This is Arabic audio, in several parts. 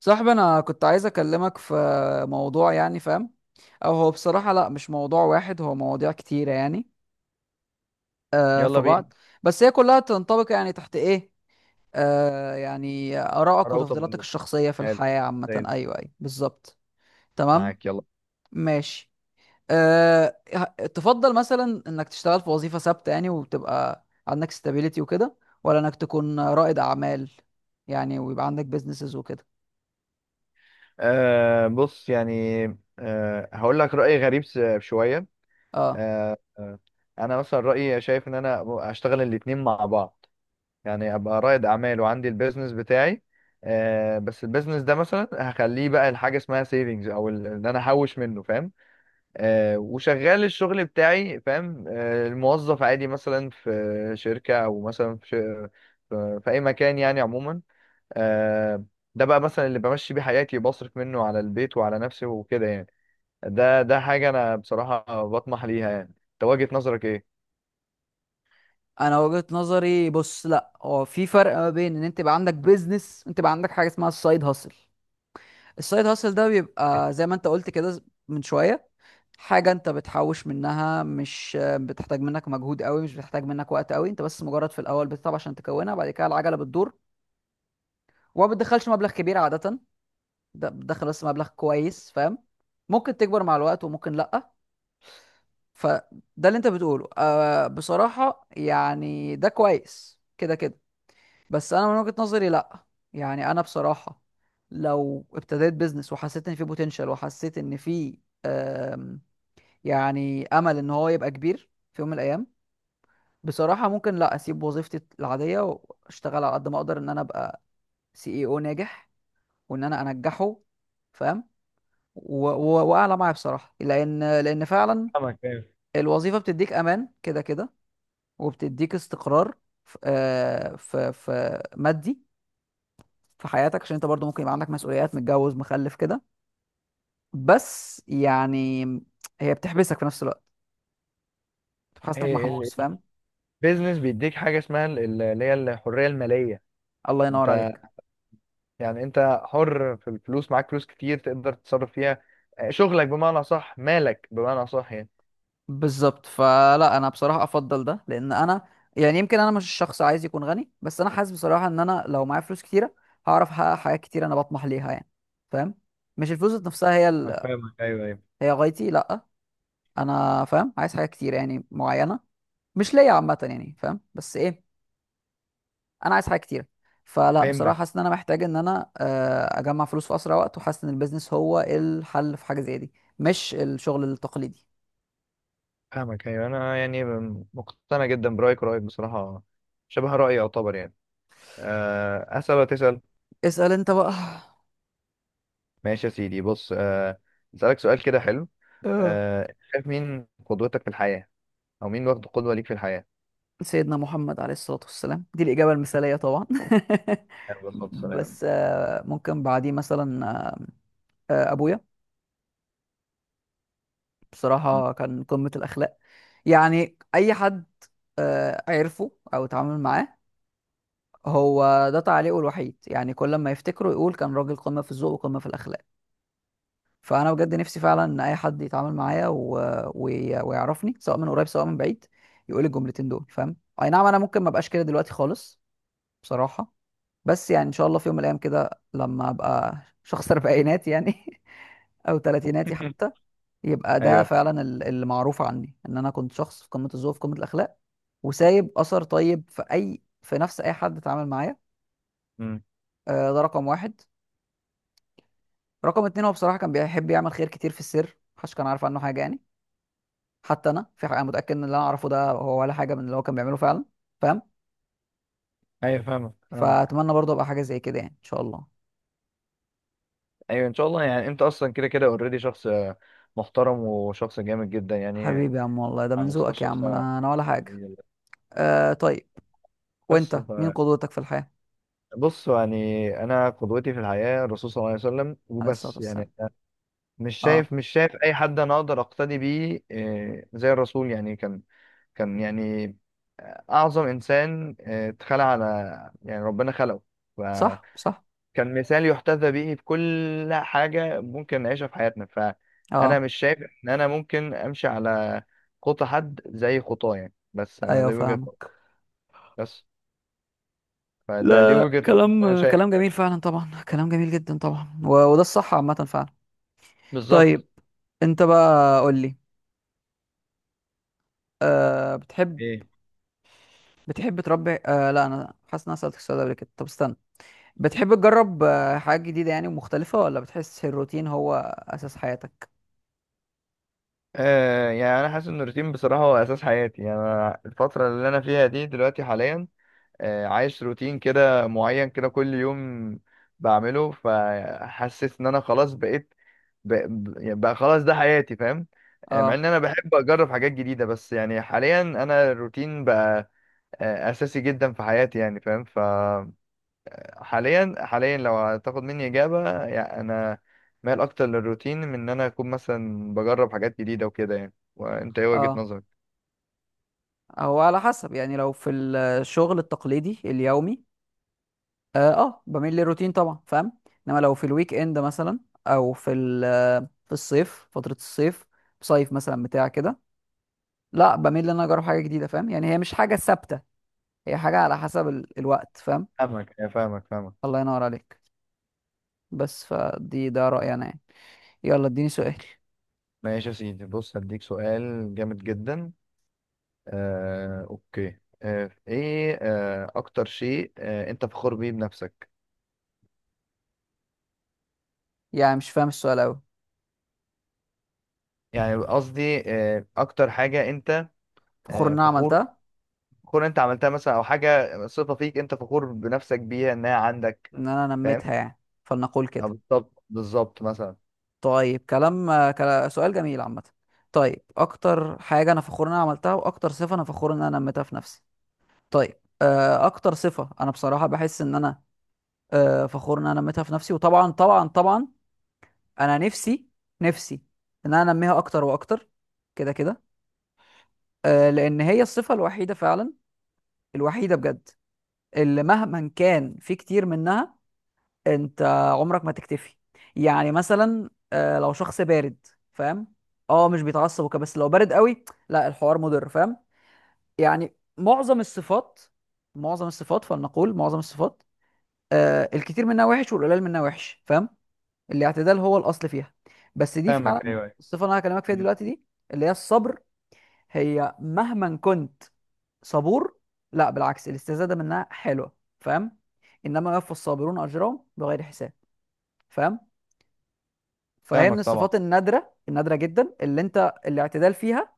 صاحبي انا كنت عايز اكلمك في موضوع، يعني فاهم؟ او هو بصراحة، لا، مش موضوع واحد، هو مواضيع كتيرة يعني. في يلا بينا بعض، بس هي كلها تنطبق يعني تحت ايه. يعني آرائك راوت اوف وتفضيلاتك ذا الشخصية في حلو، الحياة زي عامة. الفل. ايوه ايوه بالظبط. تمام. معاك يلا. ماشي. تفضل مثلا انك تشتغل في وظيفة ثابتة يعني وتبقى عندك stability وكده، ولا انك تكون رائد اعمال يعني ويبقى عندك businesses وكده؟ بص يعني. هقول لك رأي غريب شوية. اه، آه آه، انا مثلا رأيي شايف ان انا اشتغل الاتنين مع بعض، يعني ابقى رائد اعمال وعندي البيزنس بتاعي. بس البيزنس ده مثلا هخليه بقى لحاجة اسمها سيفنجز او ان انا احوش منه، فاهم؟ وشغال الشغل بتاعي، فاهم؟ الموظف عادي مثلا في شركة او مثلا في اي مكان يعني عموما. آه، ده بقى مثلا اللي بمشي بيه حياتي، بصرف منه على البيت وعلى نفسي وكده يعني. ده حاجة أنا بصراحة بطمح ليها. يعني أنت وجهة نظرك إيه؟ انا وجهة نظري، بص، لا، هو في فرق ما بين ان انت يبقى عندك بيزنس وانت يبقى عندك حاجه اسمها السايد هاسل. السايد هاسل ده بيبقى زي ما انت قلت كده من شويه، حاجه انت بتحوش منها، مش بتحتاج منك مجهود قوي، مش بتحتاج منك وقت قوي، انت بس مجرد في الاول بتتعب عشان تكونها، بعد كده العجله بتدور. وما بتدخلش مبلغ كبير عاده، ده بتدخل بس مبلغ كويس فاهم، ممكن تكبر مع الوقت وممكن لا. فده اللي انت بتقوله بصراحه يعني ده كويس كده كده. بس انا من وجهة نظري لا، يعني انا بصراحة لو ابتديت بيزنس وحسيت ان فيه بوتنشال وحسيت ان فيه آم، يعني امل ان هو يبقى كبير في يوم من الايام، بصراحة ممكن لا اسيب وظيفتي العادية واشتغل على قد ما اقدر ان انا ابقى سي اي او ناجح وان انا انجحه، فاهم؟ واعلى معايا بصراحة، لان فعلا فاهمك، أيوة. الوظيفة بتديك امان كده كده، وبتديك استقرار في في مادي في حياتك، عشان انت برضو ممكن يبقى عندك مسؤوليات، متجوز مخلف كده، بس يعني هي بتحبسك في نفس الوقت، بتحس انك هي ال- محبوس فاهم. البيزنس بيديك حاجة اسمها اللي هي الحرية المالية. الله انت ينور عليك. يعني انت حر في الفلوس، معاك فلوس كتير تقدر تتصرف فيها. شغلك بمعنى صح، مالك بمعنى صح يعني. بالظبط، فلا انا بصراحة افضل ده، لان انا يعني، يمكن انا مش شخص عايز يكون غني، بس انا حاسس بصراحة ان انا لو معايا فلوس كتيرة هعرف احقق حاجات كتير انا بطمح ليها يعني، فاهم؟ مش الفلوس ذات نفسها هي فاهمك ال... فاهمك، أيوة أيوة. هي غايتي، لا، انا فاهم، عايز حاجات كتير يعني معينة، مش ليا عامة يعني فاهم، بس ايه، انا عايز حاجه كتيره. فلا بصراحه فهمتك. حاسس ان انا محتاج ان انا اجمع فلوس في اسرع وقت، وحاسس ان البيزنس هو الحل في حاجه زي دي، مش الشغل التقليدي. فاهمك ايوه. انا يعني مقتنع جدا برأيك، ورأيك بصراحة شبه رأيي يعتبر يعني. أه، أسأل ولا تسأل؟ اسال انت بقى. ماشي يا سيدي. بص اسالك سؤال كده حلو. اه. شايف مين قدوتك في الحياه، او مين واخد قدوه ليك في الحياه؟ سيدنا محمد عليه الصلاه والسلام، دي الاجابه المثاليه طبعا. عليه الصلاه والسلام. بس ممكن بعديه مثلا، ابويا. م. بصراحه كان قمه الاخلاق، يعني اي حد عرفه او اتعامل معاه، هو ده تعليقه الوحيد، يعني كل ما يفتكره يقول كان راجل قمه في الذوق وقمه في الاخلاق. فانا بجد نفسي فعلا ان اي حد يتعامل معايا ويعرفني، سواء من قريب سواء من بعيد، يقول الجملتين دول فاهم. اي نعم انا ممكن ما ابقاش كده دلوقتي خالص بصراحه، بس يعني ان شاء الله في يوم من الايام كده لما ابقى شخص اربعينات يعني او تلاتيناتي حتى، يبقى ده ايوه. فعلا اللي معروف عني ان انا كنت شخص في قمه الذوق في قمه الاخلاق، وسايب اثر طيب في اي في نفس اي حد اتعامل معايا. م. ده رقم واحد. رقم اتنين هو بصراحه كان بيحب يعمل خير كتير في السر، محدش كان عارف عنه حاجه يعني، حتى انا في حاجه انا متاكد ان اللي انا اعرفه ده هو ولا حاجه من اللي هو كان بيعمله فعلا، فاهم؟ ايوه فاهمك فاهمك. فاتمنى برضه ابقى حاجه زي كده يعني ان شاء الله. ايوه ان شاء الله. يعني انت اصلا كده كده اوريدي شخص محترم وشخص جامد جدا يعني. حبيبي يا عم، والله ده من على مستوى ذوقك يا الشخص عم، انا أنا ولا حاجه. آه طيب، بس وانت مين ف- قدوتك في الحياه؟ بص يعني انا قدوتي في الحياه الرسول صلى الله عليه وسلم، عليه الصلاه وبس والسلام. يعني. أنا اه. مش شايف اي حد انا اقدر اقتدي بيه زي الرسول. يعني كان يعني أعظم إنسان اتخلق على، يعني ربنا خلقه، فكان صح صح. مثال يحتذى به في كل حاجة ممكن نعيشها في حياتنا. فأنا اه. مش شايف إن أنا ممكن أمشي على خطى حد زي خطاه يعني. بس أنا ايوه دي وجهة نظري. فاهمك. بس فده دي لا، وجهة نظري، أنا كلام شايف كلام يعني. جميل فعلا طبعا، كلام جميل جدا طبعا، و... وده الصح عامه فعلا. بالظبط. طيب، انت بقى قول لي. آه بتحب ايه؟ بتحب تربي، لا انا حاسس ان انا سالتك السؤال ده قبل كده، طب استنى. بتحب تجرب حاجات جديدة يعني ومختلفة، ولا بتحس الروتين هو أساس حياتك؟ يعني أنا حاسس إن الروتين بصراحة هو أساس حياتي. يعني أنا الفترة اللي أنا فيها دي دلوقتي حاليا عايش روتين كده معين كده كل يوم بعمله، فحسيت ان انا خلاص بقى, بقى خلاص ده حياتي، فاهم؟ مع ان اه. انا بحب اجرب حاجات جديدة، بس يعني حاليا انا الروتين بقى اساسي جدا في حياتي يعني، فاهم؟ حاليا لو هتاخد مني اجابة، يعني انا مايل اكتر للروتين من ان انا اكون مثلا بجرب حاجات جديدة وكده يعني. وانت ايه وجهة اه. نظرك؟ هو على حسب يعني، لو في الشغل التقليدي اليومي اه, بميل للروتين طبعا، فاهم. انما لو في الويك اند مثلا، او في الصيف، فترة الصيف، صيف مثلا بتاع كده، لا بميل ان انا اجرب حاجة جديدة، فاهم يعني، هي مش حاجة ثابتة، هي حاجة على حسب الوقت، فاهم. فاهمك فاهمك فاهمك. الله ينور عليك. بس فدي ده رأيي انا يعني. يلا اديني سؤال. ماشي يا سيدي، بص هديك سؤال جامد جدا. اوكي، آه، ايه آه، اكتر شيء انت فخور بيه بنفسك؟ يعني مش فاهم السؤال اوي. يعني قصدي اكتر حاجة انت فخور ان انا فخور، عملتها، فخور انت عملتها مثلا، او حاجة صفة فيك انت فخور بنفسك بيها انها عندك، ان انا فاهم؟ نميتها يعني فلنقول أو كده. بالظبط بالظبط مثلا. طيب، كلام سؤال جميل عامة. طيب، اكتر حاجة انا فخور ان انا عملتها واكتر صفة انا فخور ان انا نميتها في نفسي. طيب، اكتر صفة انا بصراحة بحس ان انا فخور ان انا نميتها في نفسي، وطبعا طبعا طبعا انا نفسي، نفسي ان انا انميها اكتر واكتر، كده كده، لان هي الصفة الوحيدة فعلا، الوحيدة بجد، اللي مهما كان في كتير منها، انت عمرك ما تكتفي. يعني مثلا لو شخص بارد فاهم، اه، مش بيتعصب وكده، بس لو بارد قوي لا، الحوار مضر فاهم. يعني معظم الصفات، معظم الصفات، فلنقول معظم الصفات، الكتير منها وحش والقليل منها وحش، فاهم. الاعتدال هو الاصل فيها، بس دي فاهمك فعلا ايوه ايوه. الصفه اللي انا هكلمك فيها مم. دلوقتي دي، اللي هي الصبر. هي مهما كنت صبور، لا بالعكس، الاستزاده منها حلوه فاهم، انما يوفى الصابرون اجرهم بغير حساب، فاهم؟ فهي من فاهمك طبعا. الصفات النادره، النادره جدا، اللي انت الاعتدال فيها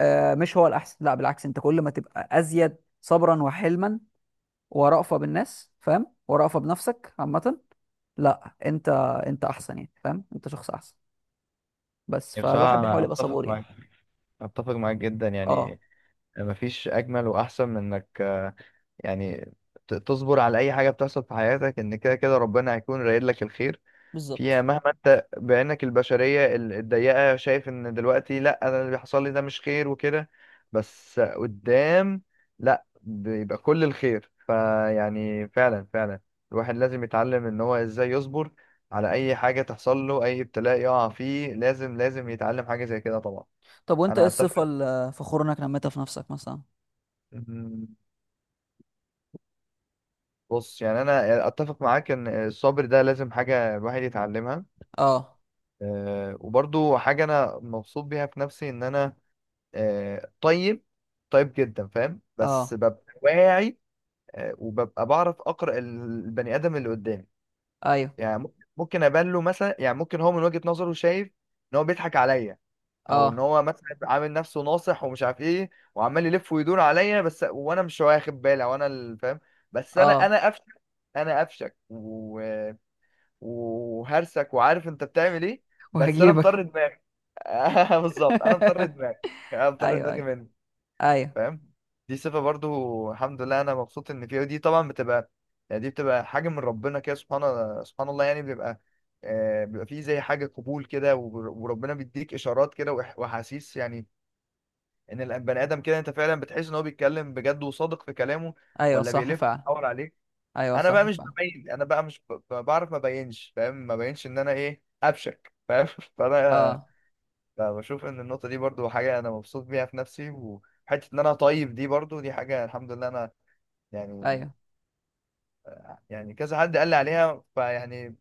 مش هو الاحسن، لا بالعكس، انت كل ما تبقى ازيد صبرا وحلما ورأفة بالناس فاهم، ورأفة بنفسك عامه، لا انت انت احسن يعني فاهم، انت شخص احسن. بس يعني بصراحة فالواحد انا بيحاول يبقى صبور اتفق يعني. معاك، اتفق معاك جدا اه. يعني. مفيش اجمل واحسن من انك يعني تصبر على اي حاجة بتحصل في حياتك، ان كده كده ربنا هيكون رايد لك الخير فيها، بالظبط. مهما انت بعينك البشرية الضيقة شايف ان دلوقتي لا انا اللي بيحصل لي ده مش خير وكده، بس قدام لا بيبقى كل الخير فيعني فعلا فعلا الواحد لازم يتعلم ان هو ازاي يصبر على اي حاجة تحصل له، اي ابتلاء يقع فيه لازم يتعلم حاجة زي كده طبعا. طب وانت ايه انا اتفق. الصفه اللي فخور انك نميتها في نفسك مثلا؟ مم، بص يعني انا اتفق معاك ان الصبر ده لازم حاجة الواحد يتعلمها. اه. أه، وبرضو حاجة انا مبسوط بيها في نفسي، ان انا طيب، طيب جدا فاهم، بس اه. ببقى واعي وببقى بعرف اقرا البني ادم اللي قدامي. ايوه. يعني ممكن ابان له مثلا، يعني ممكن هو من وجهة نظره شايف ان هو بيضحك عليا، او ان اه. هو مثلا عامل نفسه ناصح ومش عارف ايه، وعمال يلف ويدور عليا بس، وانا مش واخد بالي، وانا اللي فاهم. بس انا اه. انا قفشه، انا قفشك و... وهرسك وعارف انت بتعمل ايه، بس انا مطر وهجيبك. دماغي. بالظبط انا مطر دماغي، انا مطر ايوه دماغي ايوه. منك، ايوه. فاهم؟ دي صفة برضو الحمد لله انا مبسوط ان فيها، ودي طبعا بتبقى يعني، دي بتبقى حاجة من ربنا كده. سبحان الله يعني. بيبقى بيبقى فيه زي حاجة قبول كده، وربنا بيديك إشارات كده وأحاسيس يعني إن البني آدم كده أنت فعلا بتحس إن هو بيتكلم بجد وصادق في كلامه، ايوه ولا صح بيلف فعلا. ويدور عليك. ايوه أنا بقى صح مش فعلا. ببين، أنا بقى مش ب- ب- بعرف ما بينش، فاهم؟ ما بينش إن أنا إيه أبشك، فاهم؟ فأنا اه. فبشوف ان النقطه دي برضو حاجه انا مبسوط بيها في نفسي، وحته ان انا طيب دي برضو دي حاجه الحمد لله انا يعني، ايوه. يعني كذا حد قال لي عليها، فيعني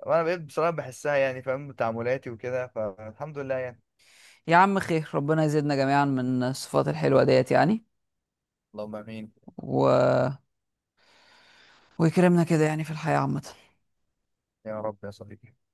وانا بقيت بصراحه بحسها يعني، فاهم؟ تعاملاتي وكده، فالحمد لله يعني. يا عم خير، ربنا يزيدنا جميعا من الصفات الحلوة ديت يعني، اللهم امين. و... ويكرمنا كده يعني في الحياة عامة. يا رب يا صديقي.